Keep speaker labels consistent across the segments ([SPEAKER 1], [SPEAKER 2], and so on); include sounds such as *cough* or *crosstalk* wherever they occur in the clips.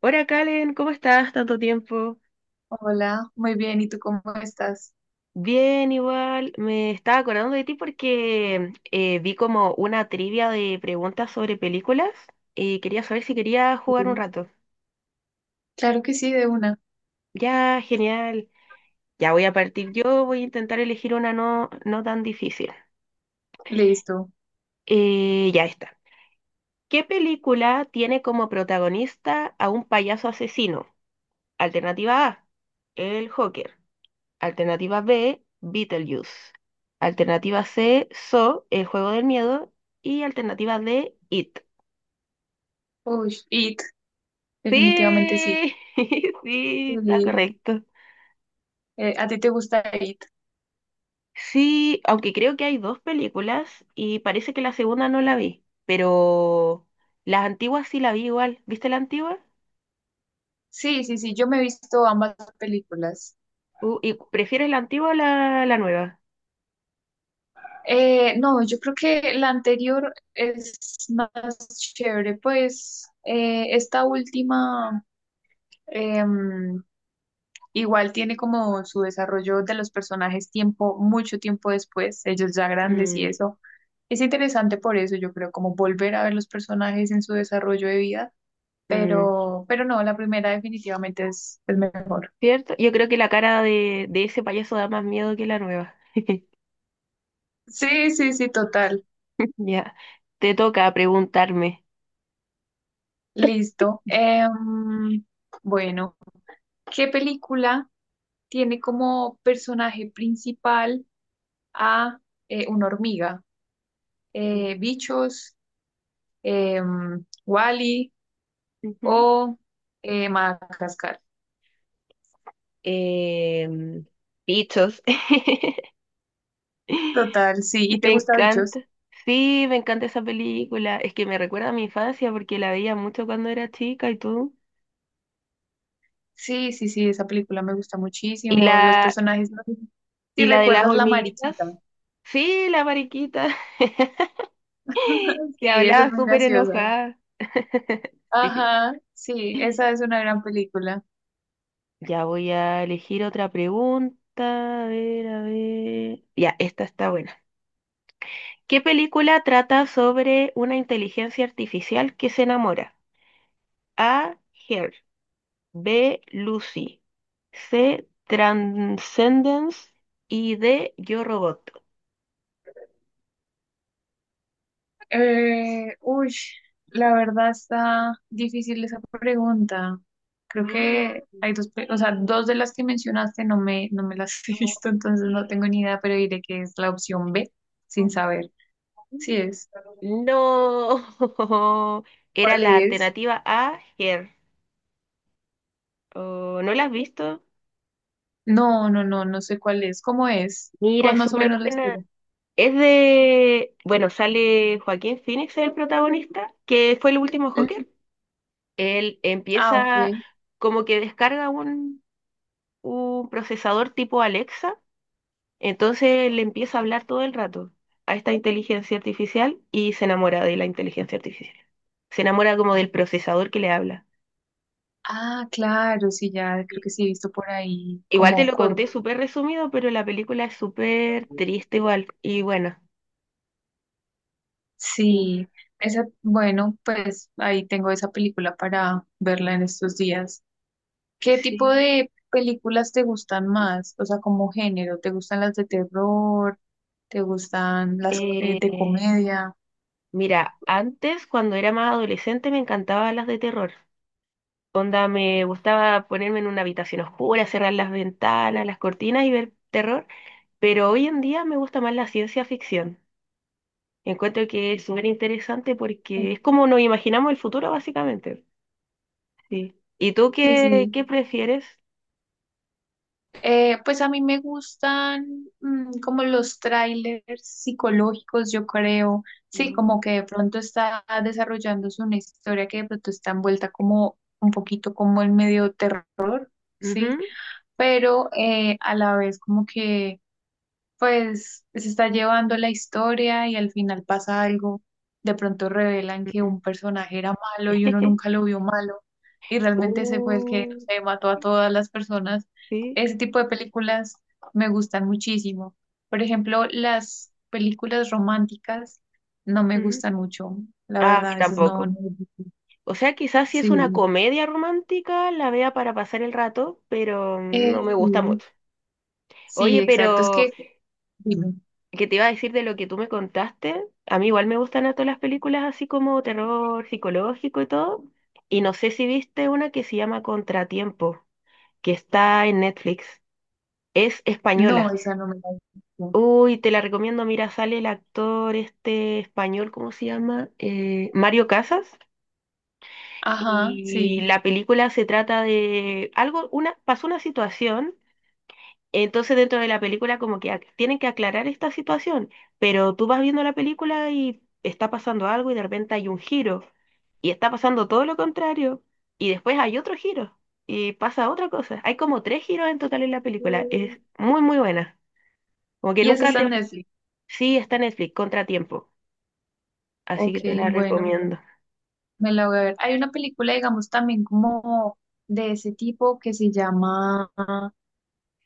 [SPEAKER 1] Hola, Kalen, ¿cómo estás? Tanto tiempo.
[SPEAKER 2] Hola, muy bien, ¿y tú cómo estás?
[SPEAKER 1] Bien, igual. Me estaba acordando de ti porque vi como una trivia de preguntas sobre películas y quería saber si quería jugar un
[SPEAKER 2] Sí,
[SPEAKER 1] rato.
[SPEAKER 2] claro que sí, de una.
[SPEAKER 1] Ya, genial. Ya voy a partir yo, voy a intentar elegir una no tan difícil.
[SPEAKER 2] Listo.
[SPEAKER 1] Ya está. ¿Qué película tiene como protagonista a un payaso asesino? Alternativa A, el Joker. Alternativa B, Beetlejuice. Alternativa C, So, El juego del miedo. Y alternativa D, It.
[SPEAKER 2] Uy, IT, definitivamente sí.
[SPEAKER 1] Sí, *laughs* sí, está
[SPEAKER 2] Sí.
[SPEAKER 1] correcto.
[SPEAKER 2] ¿A ti te gusta IT?
[SPEAKER 1] Sí, aunque creo que hay dos películas y parece que la segunda no la vi, pero las antiguas sí la vi igual. ¿Viste la antigua?
[SPEAKER 2] Sí, sí, sí, yo me he visto ambas películas.
[SPEAKER 1] ¿Y prefieres la antigua o la nueva?
[SPEAKER 2] No, yo creo que la anterior es más chévere, pues esta última, em, igual tiene como su desarrollo de los personajes tiempo, mucho tiempo después, ellos ya grandes y
[SPEAKER 1] Mm,
[SPEAKER 2] eso. Es interesante por eso, yo creo, como volver a ver los personajes en su desarrollo de vida,
[SPEAKER 1] mm,
[SPEAKER 2] pero no, la primera definitivamente es el mejor.
[SPEAKER 1] ¿cierto? Yo creo que la cara de ese payaso da más miedo que la nueva. *laughs*
[SPEAKER 2] Sí, sí, sí, total.
[SPEAKER 1] *laughs* Ya, te toca preguntarme.
[SPEAKER 2] Listo. Bueno, ¿qué película tiene como personaje principal a una hormiga? Bichos, Wally
[SPEAKER 1] Ujú.
[SPEAKER 2] o Madagascar.
[SPEAKER 1] Em, bichos. *laughs*
[SPEAKER 2] Total, sí.
[SPEAKER 1] Me
[SPEAKER 2] ¿Y te gusta Bichos?
[SPEAKER 1] encanta. Sí, me encanta esa película. Es que me recuerda a mi infancia porque la veía mucho cuando era chica y tú.
[SPEAKER 2] Sí, sí, sí, esa película me gusta
[SPEAKER 1] Y
[SPEAKER 2] muchísimo. Los
[SPEAKER 1] la,
[SPEAKER 2] personajes, no sé si
[SPEAKER 1] y la de las
[SPEAKER 2] recuerdas la
[SPEAKER 1] hormiguitas.
[SPEAKER 2] mariquita.
[SPEAKER 1] Sí, la mariquita *laughs*
[SPEAKER 2] *laughs*
[SPEAKER 1] que
[SPEAKER 2] Sí, esa es
[SPEAKER 1] hablaba
[SPEAKER 2] muy
[SPEAKER 1] súper
[SPEAKER 2] graciosa.
[SPEAKER 1] enojada. *laughs* Sí.
[SPEAKER 2] Ajá, sí, esa es una gran película.
[SPEAKER 1] Ya voy a elegir otra pregunta. A ver, a ver. Ya, esta está buena. ¿Qué película trata sobre una inteligencia artificial que se enamora? A. Her. B. Lucy. C. Transcendence. Y D. Yo Robot.
[SPEAKER 2] Uy, la verdad está difícil esa pregunta. Creo
[SPEAKER 1] Mm.
[SPEAKER 2] que hay dos, o sea, dos de las que mencionaste no me las *laughs* he visto, entonces no tengo ni idea, pero diré que es la opción B, sin saber. Sí es.
[SPEAKER 1] No. *laughs* Era
[SPEAKER 2] ¿Cuál
[SPEAKER 1] la
[SPEAKER 2] es?
[SPEAKER 1] alternativa A. Her. Oh, ¿no la has visto?
[SPEAKER 2] No, no, no, no sé cuál es. ¿Cómo es?
[SPEAKER 1] Mira,
[SPEAKER 2] ¿Cuál
[SPEAKER 1] es
[SPEAKER 2] más o
[SPEAKER 1] súper
[SPEAKER 2] menos la
[SPEAKER 1] buena.
[SPEAKER 2] historia?
[SPEAKER 1] Es de... Bueno, sale Joaquín Phoenix, el protagonista, que fue el último
[SPEAKER 2] Ujú.
[SPEAKER 1] Joker. Él
[SPEAKER 2] Ah, ok.
[SPEAKER 1] empieza como que descarga un procesador tipo Alexa, entonces le empieza a hablar todo el rato a esta inteligencia artificial y se enamora de la inteligencia artificial. Se enamora como del procesador que le habla.
[SPEAKER 2] Ah, claro, sí, ya creo
[SPEAKER 1] Sí.
[SPEAKER 2] que sí he visto por ahí
[SPEAKER 1] Igual te
[SPEAKER 2] como
[SPEAKER 1] lo conté
[SPEAKER 2] corto.
[SPEAKER 1] súper resumido, pero la película es súper triste igual. Y bueno, sí.
[SPEAKER 2] Sí, esa, bueno, pues ahí tengo esa película para verla en estos días. ¿Qué tipo
[SPEAKER 1] Sí.
[SPEAKER 2] de películas te gustan más? O sea, como género, ¿te gustan las de terror? ¿Te gustan las de
[SPEAKER 1] Eh,
[SPEAKER 2] comedia?
[SPEAKER 1] mira, antes cuando era más adolescente me encantaban las de terror. Onda, me gustaba ponerme en una habitación oscura, cerrar las ventanas, las cortinas y ver terror, pero hoy en día me gusta más la ciencia ficción. Encuentro que es súper interesante porque es como nos imaginamos el futuro, básicamente. Sí. ¿Y tú
[SPEAKER 2] Sí, sí.
[SPEAKER 1] qué prefieres?
[SPEAKER 2] Pues a mí me gustan como los trailers psicológicos, yo creo. Sí,
[SPEAKER 1] Mm.
[SPEAKER 2] como que de pronto está desarrollándose una historia que de pronto está envuelta como un poquito como en medio terror, sí,
[SPEAKER 1] Ujú.
[SPEAKER 2] pero a la vez como que pues, se está llevando la historia y al final pasa algo. De pronto revelan que un personaje era malo y uno nunca
[SPEAKER 1] *laughs*
[SPEAKER 2] lo vio malo y realmente ese fue el que, no
[SPEAKER 1] Uh,
[SPEAKER 2] sé, mató a todas las personas.
[SPEAKER 1] sí.
[SPEAKER 2] Ese tipo de películas me gustan muchísimo. Por ejemplo, las películas románticas no me
[SPEAKER 1] Ujú.
[SPEAKER 2] gustan mucho, la
[SPEAKER 1] Ah, a mí
[SPEAKER 2] verdad, esas no,
[SPEAKER 1] tampoco.
[SPEAKER 2] no-
[SPEAKER 1] O sea, quizás si es
[SPEAKER 2] Sí,
[SPEAKER 1] una comedia romántica, la vea para pasar el rato, pero no me gusta
[SPEAKER 2] sí,
[SPEAKER 1] mucho.
[SPEAKER 2] sí,
[SPEAKER 1] Oye,
[SPEAKER 2] exacto. Es
[SPEAKER 1] pero
[SPEAKER 2] que, dime,
[SPEAKER 1] que te iba a decir de lo que tú me contaste, a mí igual me gustan a todas las películas así como terror psicológico y todo, y no sé si viste una que se llama Contratiempo, que está en Netflix, es
[SPEAKER 2] no,
[SPEAKER 1] española.
[SPEAKER 2] esa no me la he visto.
[SPEAKER 1] Uy, te la recomiendo, mira, sale el actor este español, ¿cómo se llama? Mario Casas,
[SPEAKER 2] Ajá,
[SPEAKER 1] y
[SPEAKER 2] sí.
[SPEAKER 1] la película se trata de algo, pasó una situación. Entonces dentro de la película como que tienen que aclarar esta situación, pero tú vas viendo la película y está pasando algo y de repente hay un giro y está pasando todo lo contrario y después hay otro giro y pasa otra cosa. Hay como tres giros en total en la película. Es muy muy buena. Como que
[SPEAKER 2] ¿Y eso
[SPEAKER 1] nunca
[SPEAKER 2] está
[SPEAKER 1] te...
[SPEAKER 2] en
[SPEAKER 1] Sí.
[SPEAKER 2] Netflix?
[SPEAKER 1] Sí, está en Netflix, Contratiempo. Así que
[SPEAKER 2] Ok,
[SPEAKER 1] te la
[SPEAKER 2] bueno,
[SPEAKER 1] recomiendo.
[SPEAKER 2] me la voy a ver. Hay una película, digamos, también como de ese tipo que se llama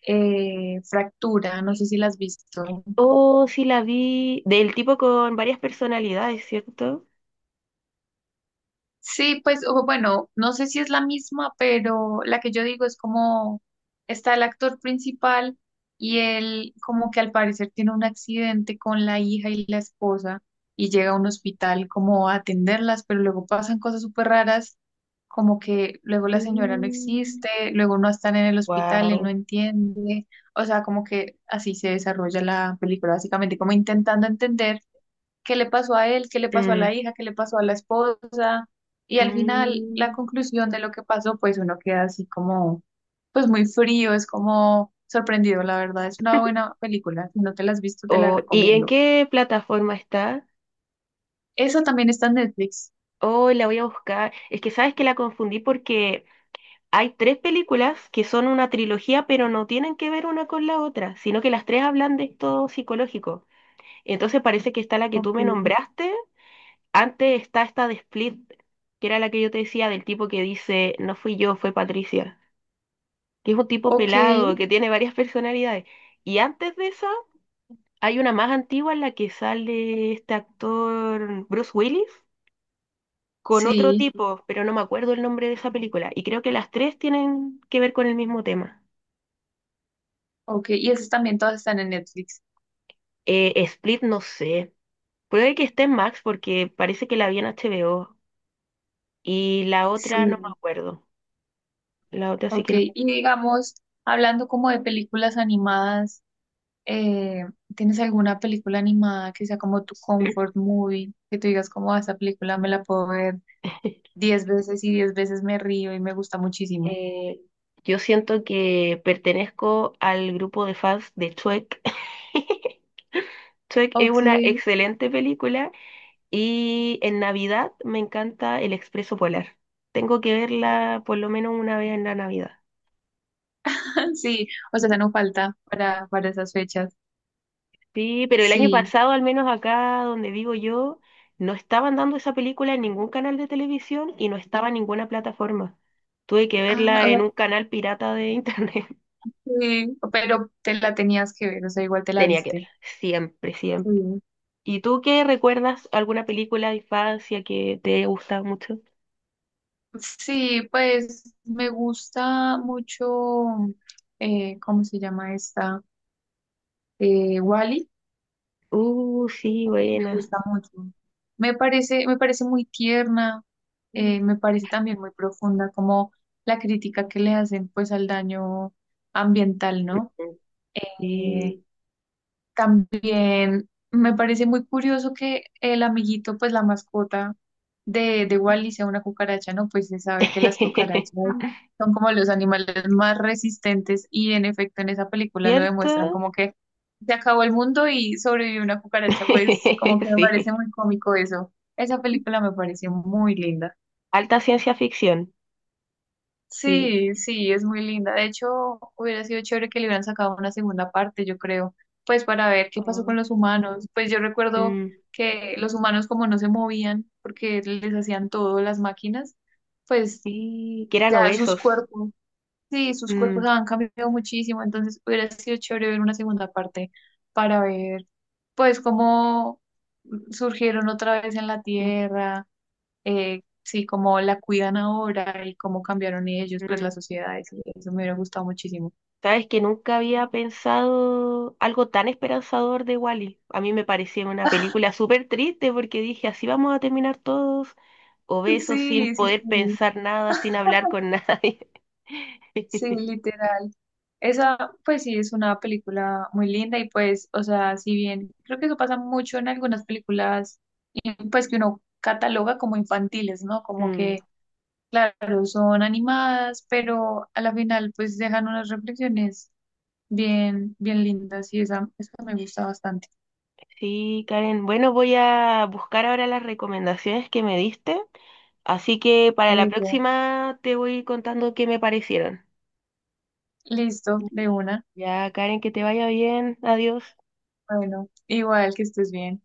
[SPEAKER 2] Fractura. No sé si la has visto.
[SPEAKER 1] Oh, sí la vi del tipo con varias personalidades, ¿cierto?
[SPEAKER 2] Sí, pues o bueno, no sé si es la misma, pero la que yo digo es como está el actor principal y él como que al parecer tiene un accidente con la hija y la esposa y llega a un hospital como a atenderlas, pero luego pasan cosas súper raras, como que luego la señora no
[SPEAKER 1] Mm,
[SPEAKER 2] existe, luego no están en el hospital, él no
[SPEAKER 1] wow.
[SPEAKER 2] entiende, o sea, como que así se desarrolla la película, básicamente como intentando entender qué le pasó a él, qué le pasó a
[SPEAKER 1] Mm,
[SPEAKER 2] la hija, qué le pasó a la esposa. Y al final, la
[SPEAKER 1] mm.
[SPEAKER 2] conclusión de lo que pasó, pues uno queda así como, pues muy frío, es como sorprendido, la verdad. Es una
[SPEAKER 1] *laughs*
[SPEAKER 2] buena película. Si no te la has visto, te la
[SPEAKER 1] Oh, ¿y en
[SPEAKER 2] recomiendo.
[SPEAKER 1] qué plataforma está?
[SPEAKER 2] Eso también está en Netflix.
[SPEAKER 1] Oh, la voy a buscar. Es que sabes que la confundí porque hay tres películas que son una trilogía, pero no tienen que ver una con la otra, sino que las tres hablan de esto psicológico. Entonces parece que está la que
[SPEAKER 2] Ok.
[SPEAKER 1] tú me nombraste. Antes está esta de Split, que era la que yo te decía del tipo que dice, no fui yo, fue Patricia, que es un tipo
[SPEAKER 2] Ok,
[SPEAKER 1] pelado, que tiene varias personalidades. Y antes de esa, hay una más antigua en la que sale este actor Bruce Willis con otro
[SPEAKER 2] sí,
[SPEAKER 1] tipo, pero no me acuerdo el nombre de esa película. Y creo que las tres tienen que ver con el mismo tema.
[SPEAKER 2] ok. ¿Y esas también todas están en Netflix?
[SPEAKER 1] Split, no sé. Puede que esté en Max porque parece que la vi en HBO. Y la otra no me
[SPEAKER 2] Sí,
[SPEAKER 1] acuerdo. La otra sí
[SPEAKER 2] ok.
[SPEAKER 1] que no.
[SPEAKER 2] Y digamos, hablando como de películas animadas. eh, ¿Tienes alguna película animada que sea como tu comfort movie? Que tú digas como "Ah, esta película me la puedo ver
[SPEAKER 1] *laughs*
[SPEAKER 2] 10 veces y 10 veces me río y me gusta muchísimo."
[SPEAKER 1] Eh, yo siento que pertenezco al grupo de fans de Shrek. *laughs* Shrek es
[SPEAKER 2] Ok,
[SPEAKER 1] una excelente película y en Navidad me encanta El Expreso Polar. Tengo que verla por lo menos una vez en la Navidad.
[SPEAKER 2] *laughs* sí, o sea, esa no falta para esas fechas.
[SPEAKER 1] Sí, pero el año
[SPEAKER 2] Sí,
[SPEAKER 1] pasado, al menos acá donde vivo yo, no estaban dando esa película en ningún canal de televisión y no estaba en ninguna plataforma. Tuve que
[SPEAKER 2] ah,
[SPEAKER 1] verla
[SPEAKER 2] o
[SPEAKER 1] en
[SPEAKER 2] sea,
[SPEAKER 1] un canal pirata de internet. *laughs*
[SPEAKER 2] sí, pero te la tenías que ver, o sea, igual te la
[SPEAKER 1] Tenía que
[SPEAKER 2] viste.
[SPEAKER 1] verla, siempre,
[SPEAKER 2] Sí.
[SPEAKER 1] siempre. ¿Y tú qué recuerdas? ¿Alguna película de infancia que te gusta mucho?
[SPEAKER 2] Sí, pues me gusta mucho, ¿cómo se llama esta? Wall-E.
[SPEAKER 1] Sí,
[SPEAKER 2] Me
[SPEAKER 1] buena.
[SPEAKER 2] gusta mucho. Me parece muy tierna,
[SPEAKER 1] Mm.
[SPEAKER 2] me parece también muy profunda como la crítica que le hacen pues al daño ambiental, ¿no? Eh,
[SPEAKER 1] Sí.
[SPEAKER 2] También me parece muy curioso que el amiguito, pues la mascota de Wally sea una cucaracha, ¿no? Pues se sabe que las cucarachas
[SPEAKER 1] *laughs*
[SPEAKER 2] son como los animales más resistentes y en efecto en esa película lo demuestran
[SPEAKER 1] ¿Cierto?
[SPEAKER 2] como que se acabó el mundo y sobrevivió una cucaracha, pues como que
[SPEAKER 1] *laughs*
[SPEAKER 2] me parece
[SPEAKER 1] Sí.
[SPEAKER 2] muy cómico eso. Esa película me pareció muy linda.
[SPEAKER 1] Alta ciencia ficción. Sí.
[SPEAKER 2] Sí, sí, es muy linda. De hecho, hubiera sido chévere que le hubieran sacado una segunda parte, yo creo, pues para ver qué pasó
[SPEAKER 1] Ah.
[SPEAKER 2] con los humanos. Pues yo recuerdo
[SPEAKER 1] Mm.
[SPEAKER 2] que los humanos como no se movían porque les hacían todo las máquinas, pues
[SPEAKER 1] Y que eran
[SPEAKER 2] ya sus
[SPEAKER 1] obesos.
[SPEAKER 2] cuerpos, sí, sus cuerpos
[SPEAKER 1] Mm,
[SPEAKER 2] han cambiado muchísimo, entonces hubiera sido chévere ver una segunda parte para ver pues cómo surgieron otra vez en la
[SPEAKER 1] mm,
[SPEAKER 2] Tierra sí, cómo la cuidan ahora y cómo cambiaron ellos, pues
[SPEAKER 1] mm.
[SPEAKER 2] la sociedad eso me hubiera gustado muchísimo.
[SPEAKER 1] Sabes que nunca había pensado algo tan esperanzador de Wally. A mí me parecía una película súper triste porque dije, así vamos a terminar todos obesos sin
[SPEAKER 2] Sí, sí,
[SPEAKER 1] poder
[SPEAKER 2] sí,
[SPEAKER 1] pensar nada, sin hablar con nadie.
[SPEAKER 2] sí,
[SPEAKER 1] *laughs*
[SPEAKER 2] literal. Esa, pues sí, es una película muy linda y pues, o sea, si bien creo que eso pasa mucho en algunas películas, y, pues que uno cataloga como infantiles, ¿no? Como
[SPEAKER 1] Mm.
[SPEAKER 2] que, claro, son animadas, pero a la final pues dejan unas reflexiones bien lindas y esa me gusta bastante.
[SPEAKER 1] Sí, Karen. Bueno, voy a buscar ahora las recomendaciones que me diste. Así que para la
[SPEAKER 2] Eso,
[SPEAKER 1] próxima te voy contando qué me parecieron.
[SPEAKER 2] listo, de una.
[SPEAKER 1] Ya, Karen, que te vaya bien. Adiós.
[SPEAKER 2] Bueno, igual que estés bien.